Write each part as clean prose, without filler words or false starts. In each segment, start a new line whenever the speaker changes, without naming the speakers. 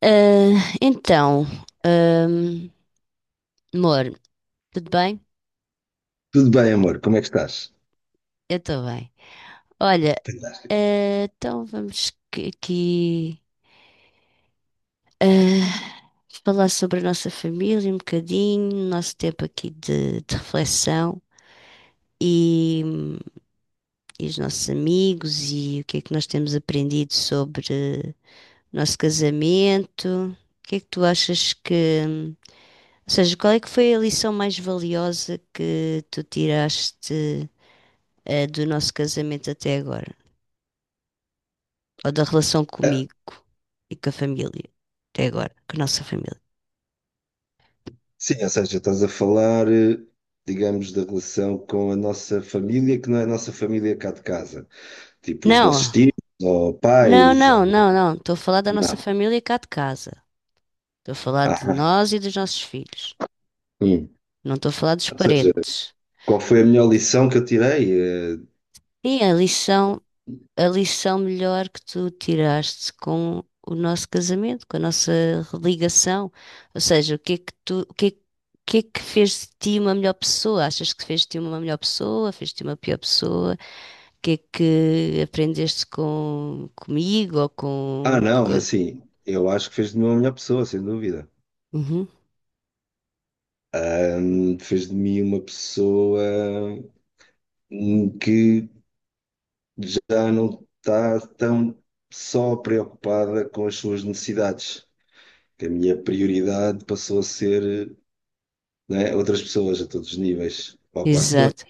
Ah, então, ahm, amor, tudo bem?
Tudo bem, amor, como é que estás?
Eu estou bem. Olha,
Fantástico.
aqui falar sobre a nossa família um bocadinho, o nosso tempo aqui de reflexão e, e os nossos amigos e o que é que nós temos aprendido sobre o nosso casamento. O que é que tu achas, ou seja, qual é que foi a lição mais valiosa que tu tiraste? Do nosso casamento até agora, ou da relação
Ah,
comigo e com a família, até agora, com a nossa família.
sim, ou seja, estás a falar, digamos, da relação com a nossa família, que não é a nossa família cá de casa. Tipo, os nossos
Não,
tios, ou
não,
pais,
não,
ou...
não, não. Estou a falar da nossa
Não.
família cá de casa. Estou a falar de
Aham.
nós e dos nossos filhos.
Hum.
Não estou a falar dos
Ou seja,
parentes.
qual foi a melhor lição que eu tirei? Eh,
E a lição melhor que tu tiraste com o nosso casamento, com a nossa ligação. Ou seja, o que é que o que é que fez de ti uma melhor pessoa? Achas que fez de ti uma melhor pessoa? Fez de ti uma pior pessoa? Que é que aprendeste comigo ou
ah,
com.
não, é
Co-,
assim, eu acho que fez de mim uma melhor pessoa, sem dúvida.
uhum,
Fez de mim uma pessoa que já não está tão só preocupada com as suas necessidades. Que a minha prioridade passou a ser, né, outras pessoas a todos os níveis, ou quase todos,
exato.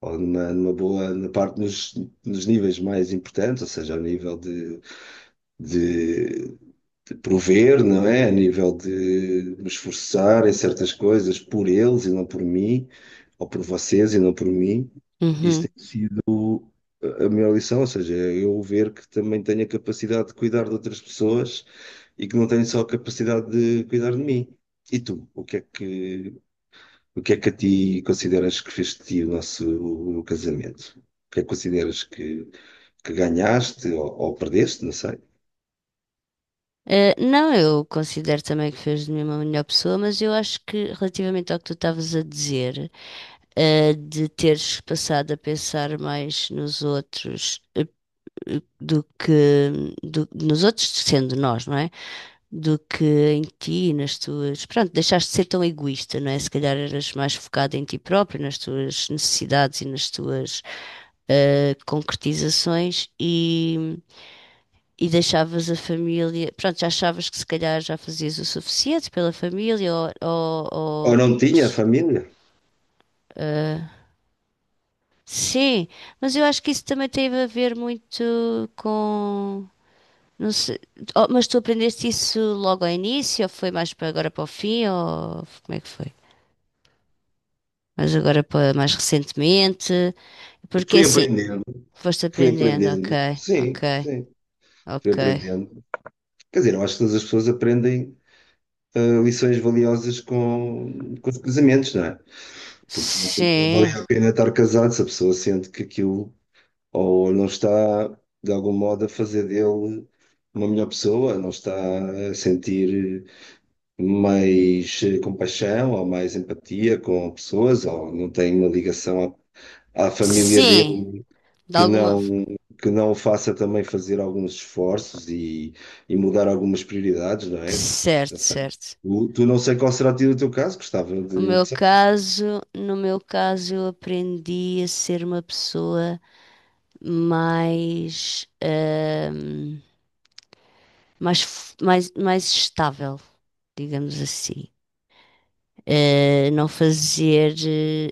ou numa boa na parte nos níveis mais importantes, ou seja, ao nível de, de prover, não é? A nível de me esforçar em certas coisas por eles e não por mim, ou por vocês e não por mim. Isso
Uhum.
tem sido a minha lição, ou seja, eu ver que também tenho a capacidade de cuidar de outras pessoas e que não tenho só a capacidade de cuidar de mim. E tu, o que é que a ti consideras que fez de ti o nosso o casamento? O que é que consideras que ganhaste ou perdeste, não sei?
Não, eu considero também que fez de mim uma melhor pessoa, mas eu acho que relativamente ao que tu estavas a dizer, de teres passado a pensar mais nos outros do que do- nos outros sendo nós, não é? Do que em ti, nas tuas. Pronto, deixaste de ser tão egoísta, não é? Se calhar eras mais focada em ti própria, nas tuas necessidades e nas tuas concretizações e deixavas a família. Pronto, já achavas que se calhar já fazias o suficiente pela família ou. Ou-
Ou
ou
não tinha família?
eh, sim, mas eu acho que isso também teve a ver muito com. Não sei. Oh, mas tu aprendeste isso logo ao início, ou foi mais para agora para o fim, ou como é que foi? Mas agora para mais recentemente, porque
Fui
assim,
aprendendo,
foste
fui
aprendendo, ok,
aprendendo,
ok,
sim, sim, fui
ok.
aprendendo. Quer dizer, eu acho que todas as pessoas aprendem ah, lições valiosas com os casamentos, não é? Porque senão também não valia
Sim,
a pena estar casado se a pessoa sente que aquilo ou não está, de algum modo, a fazer dele uma melhor pessoa, não está a sentir mais compaixão ou mais empatia com pessoas, ou não tem uma ligação à família
sim,
dele
de
que
alguma.
não. Que não o faça também fazer alguns esforços e mudar algumas prioridades, não é?
Certo,
Não sei.
certo.
Tu não sei qual será o teu caso, gostava
O meu
de saber.
caso, no meu caso, eu aprendi a ser uma pessoa mais, mais, f- mais, mais estável, digamos assim. Não fazer,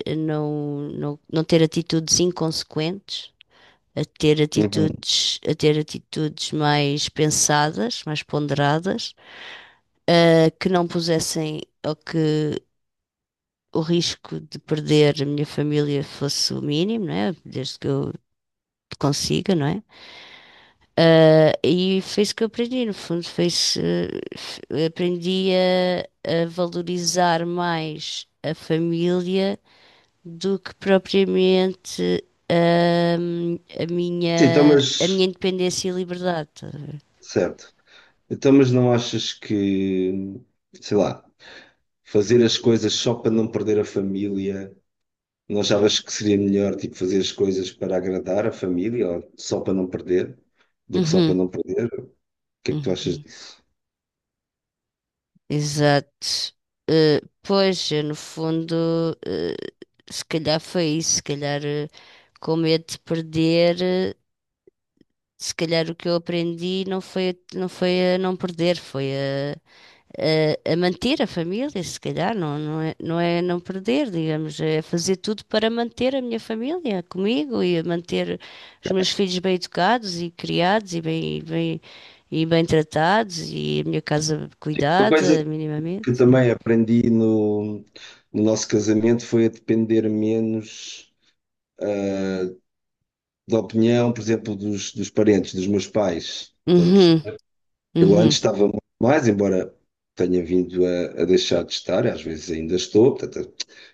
não ter atitudes inconsequentes,
Uhum.
a ter atitudes mais pensadas, mais ponderadas, que não pusessem ou que o risco de perder a minha família fosse o mínimo, não é? Desde que eu consiga, não é? Ah, e foi isso que eu aprendi, no fundo, foi isso, f- aprendi a valorizar mais a família do que propriamente
Sim, então,
a
mas
minha independência e liberdade. Estás a ver?
certo. Então, mas não achas que, sei lá, fazer as coisas só para não perder a família. Não achavas que seria melhor, tipo, fazer as coisas para agradar a família, ou só para não perder, do que só para
Uhum,
não perder? O que é que tu achas
uhum.
disso?
Exato. Pois, eu, no fundo, eh, se calhar foi isso, se calhar com medo de perder, se calhar o que eu aprendi não foi, a- não foi a não perder, foi a manter a família, se calhar, não, não é, não é não perder, digamos, é fazer tudo para manter a minha família comigo e manter os meus filhos bem educados e criados e bem, e bem tratados e a minha casa
Uma coisa
cuidada
que
minimamente.
também aprendi no nosso casamento foi a depender menos da opinião, por exemplo, dos parentes, dos meus pais. Estás a
Uhum,
perceber? Eu
uhum.
antes estava muito mais, embora tenha vindo a deixar de estar, às vezes ainda estou, portanto,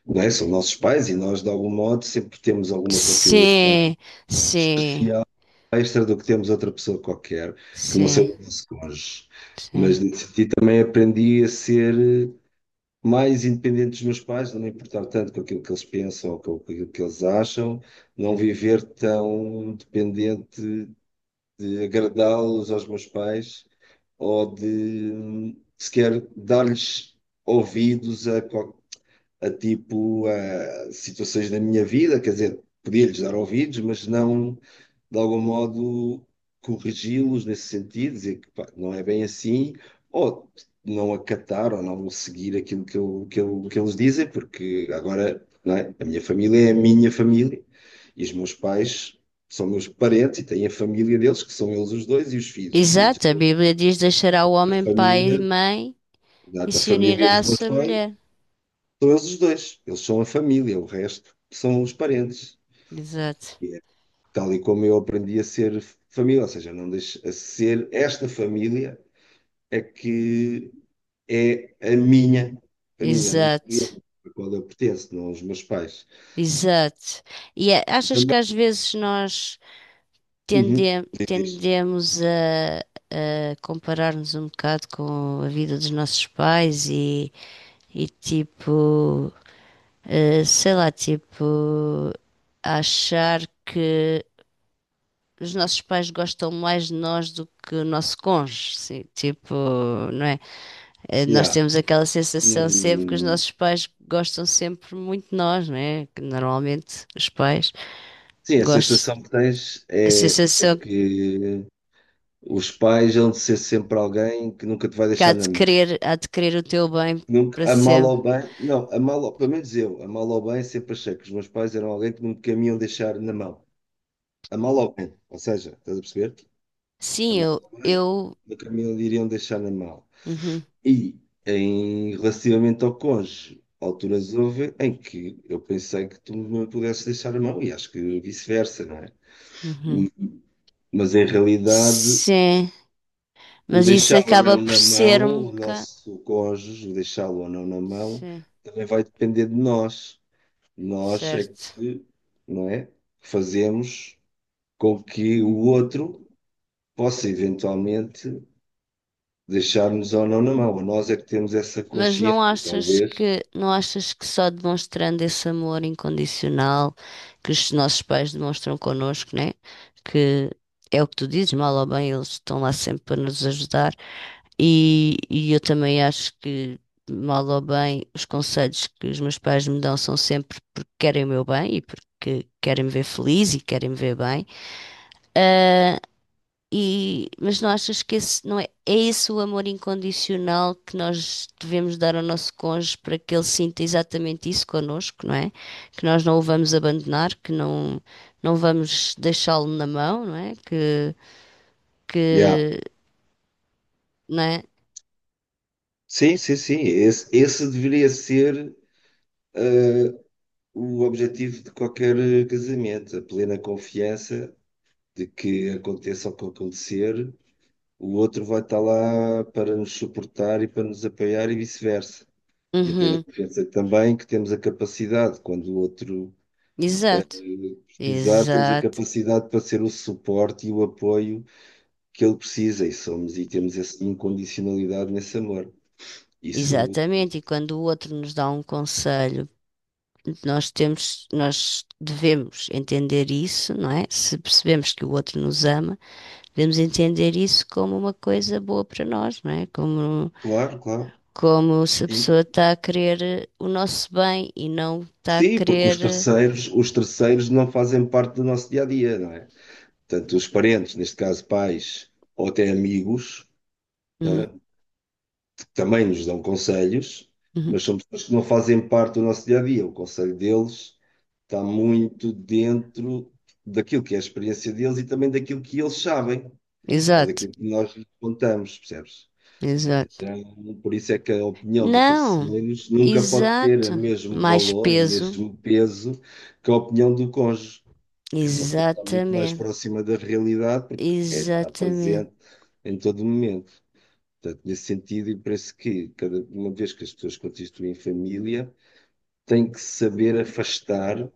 não é? São nossos pais e nós, de algum modo, sempre temos alguma consideração
Sim, sim,
especial, extra do que temos outra pessoa qualquer, que não
sim,
seja o nosso cônjuge. Mas
sim.
nesse sentido também aprendi a ser mais independente dos meus pais, não me importar tanto com aquilo que eles pensam ou com aquilo que eles acham, não viver tão dependente de agradá-los aos meus pais ou de sequer dar-lhes ouvidos a, a tipo a situações da minha vida, quer dizer, podia-lhes dar ouvidos, mas não de algum modo corrigi-los nesse sentido, dizer que pá, não é bem assim, ou não acatar ou não seguir aquilo que eles dizem, porque agora, não é? A minha família é a minha família e os meus pais são meus parentes e têm a família deles, que são eles os dois, e os filhos. Os filhos
Exato, a Bíblia diz deixará o
da
homem pai e
família.
mãe e
Exato, a
se
família
unirá
dos
à
meus
sua
pais
mulher.
são eles os dois. Eles são a família, o resto são os parentes.
Exato,
E é tal e como eu aprendi a ser família, ou seja, não deixo a ser esta família é que é a minha família,
exato.
a qual eu pertenço, não os meus pais.
Exato. E a-
E
achas que
também,
às vezes nós
uhum,
tende-
diz isto.
tendemos a comparar-nos um bocado com a vida dos nossos pais e tipo, sei lá, tipo, achar que os nossos pais gostam mais de nós do que o nosso cônjuge, sim, tipo, não é? Nós
Yeah.
temos aquela sensação sempre que os
Hum,
nossos pais gostam sempre muito de nós, não é? Que normalmente os pais
sim, a
gostam.
sensação que tens
A
é
sensação
que os pais hão de ser sempre alguém que nunca te vai
que
deixar na mão.
há de querer o teu bem
Nunca,
para
a mal
sempre.
ou bem, não, a mal, pelo menos eu, a mal ou bem, sempre achei que os meus pais eram alguém que nunca me iam deixar na mão. A mal ou bem, ou seja, estás a perceber? A
Sim,
mal ou bem,
eu,
nunca me iriam deixar na mão.
uhum,
E em, relativamente ao cônjuge, alturas houve em que eu pensei que tu me pudesses deixar a mão, e acho que vice-versa, não é?
uhum.
E- Mas em realidade,
Sim,
o
mas isso
deixar ou
acaba
não
por
na
ser
mão,
um
o
bocado,
nosso cônjuge, o deixá-lo ou não na mão,
sim,
também vai depender de nós. Nós é
certo.
que, não é? Fazemos com que o outro possa eventualmente deixar-nos ou não na mão. Nós é que temos essa
Mas
consciência,
não achas
talvez.
que, não achas que só demonstrando esse amor incondicional que os nossos pais demonstram connosco, né? Que é o que tu dizes, mal ou bem, eles estão lá sempre para nos ajudar. E eu também acho que, mal ou bem, os conselhos que os meus pais me dão são sempre porque querem o meu bem e porque querem me ver feliz e querem me ver bem. Ah, e, mas não achas que esse não é, é esse o amor incondicional que nós devemos dar ao nosso cônjuge para que ele sinta exatamente isso connosco, não é? Que nós não o vamos abandonar, que não, não vamos deixá-lo na mão, não é?
Yeah.
Que, não é?
Sim, sim, sim. Esse deveria ser eh, o objetivo de qualquer casamento, a plena confiança de que aconteça o que acontecer, o outro vai estar lá para nos suportar e para nos apoiar e vice-versa. E a plena
Uhum,
confiança também que temos a capacidade, quando o outro
exato,
precisar, temos a
exato.
capacidade para ser o suporte e o apoio que ele precisa e somos e temos essa incondicionalidade nesse amor. Isso,
Exatamente, e quando o outro nos dá um conselho, nós temos, nós devemos entender isso, não é? Se percebemos que o outro nos ama, devemos entender isso como uma coisa boa para nós, não é? Como,
claro, claro.
como se a
E
pessoa está a querer o nosso bem e não está a
sim, porque
querer.
os terceiros não fazem parte do nosso dia a dia, não é? Tanto os parentes, neste caso pais ou até amigos,
Uhum,
né, que também nos dão conselhos,
uhum.
mas são pessoas que não fazem parte do nosso dia a dia. O conselho deles está muito dentro daquilo que é a experiência deles e também daquilo que eles sabem. Ou
Exato,
daquilo que nós lhe contamos, percebes?
exato.
Então, por isso é que a opinião de
Não,
terceiros nunca pode ter o
exato.
mesmo
Mais
valor, o
peso,
mesmo peso que a opinião do cônjuge, porque essa opinião está muito mais
exatamente,
próxima da realidade, porque é, está
exatamente.
presente em todo momento. Portanto, nesse sentido, e parece que cada uma vez que as pessoas constituem família, têm que saber afastar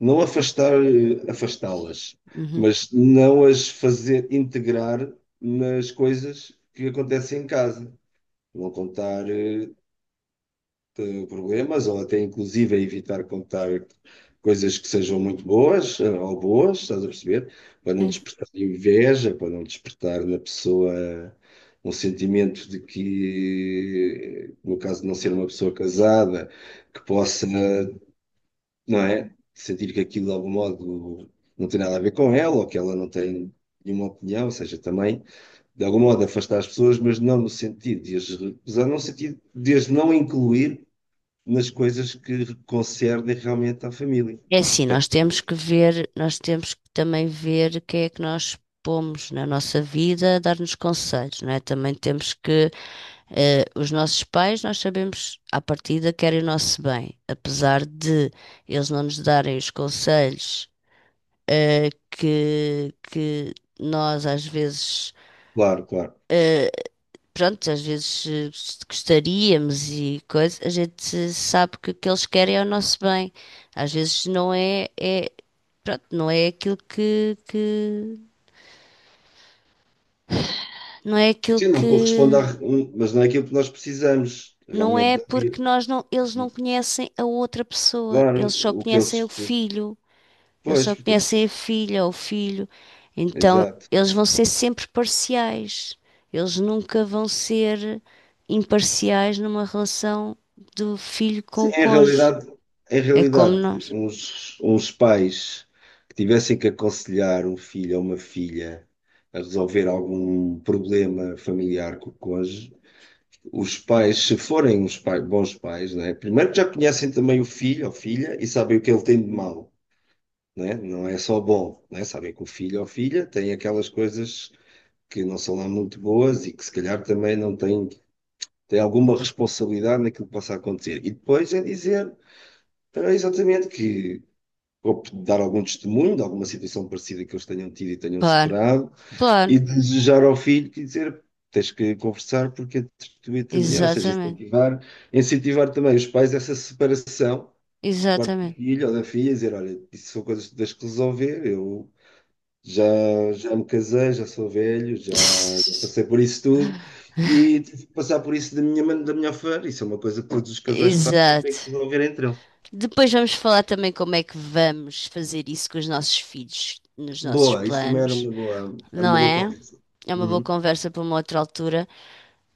não afastar, afastá-las,
Uhum.
mas não as fazer integrar nas coisas que acontecem em casa. Não contar problemas, ou até inclusive evitar contar coisas que sejam muito boas ou boas, estás a perceber? Para não despertar inveja, para não despertar na pessoa um sentimento de que, no caso de não ser uma pessoa casada, que possa não é? Sentir que aquilo de algum modo não tem nada a ver com ela ou que ela não tem nenhuma opinião, ou seja, também de algum modo afastar as pessoas, mas não no sentido de as recusar, no sentido de as não incluir nas coisas que concernem realmente à família.
É assim, nós temos
Portanto,
que ver, nós temos que também ver quem é que nós pomos na nossa vida a dar-nos conselhos, não é? Também temos que, os nossos pais, nós sabemos à partida querem o nosso bem, apesar de eles não nos darem os conselhos, que nós às vezes
claro, claro.
eh, pronto, às vezes gostaríamos e coisa, a gente sabe que o que eles querem é o nosso bem. Às vezes não é, é, pronto, não é aquilo que, não é aquilo
Sim, não
que,
corresponde à, mas não é aquilo que nós precisamos
não
realmente
é
da vida.
porque nós não, eles não conhecem a outra pessoa,
Claro,
eles só
o que eles.
conhecem o filho, eles
Pois,
só
porque
conhecem a
eles.
filha ou o filho. Então,
Exato.
eles vão ser sempre parciais. Eles nunca vão ser imparciais numa relação do filho com
Sim,
o cônjuge.
em
É como
realidade,
nós.
uns pais que tivessem que aconselhar um filho ou uma filha a resolver algum problema familiar com o cônjuge, os pais, se forem uns bons pais, né, primeiro já conhecem também o filho ou filha e sabem o que ele tem de mau, né? Não é só bom, né? Sabem que o filho ou filha tem aquelas coisas que não são lá muito boas e que se calhar também não têm, tem alguma responsabilidade naquilo que possa acontecer. E depois é dizer. Então, é exatamente, que ou dar algum testemunho de alguma situação parecida que eles tenham tido e tenham
Claro,
separado,
claro.
e desejar ao filho que dizer tens que conversar porque é a mulher, ou seja,
Exatamente.
incentivar, incentivar também os pais essa separação por parte do
Exatamente.
filho ou da filha, e dizer, olha, isso são coisas que tens que resolver, eu já, já me casei, já sou velho, já, já passei por isso tudo. E tive que passar por isso da minha, da minha maneira, isso é uma coisa que todos os casais passam e têm
Exato.
que resolver entre eles.
Depois vamos falar também como é que vamos fazer isso com os nossos filhos nos nossos
Boa, isso também
planos,
era
não
uma boa
é?
conversa.
É uma boa
Uhum.
conversa para uma outra altura.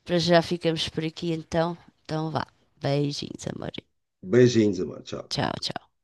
Para já ficamos por aqui então. Então vá. Beijinhos, amor.
Beijinhos, amor. Tchau.
Tchau, tchau.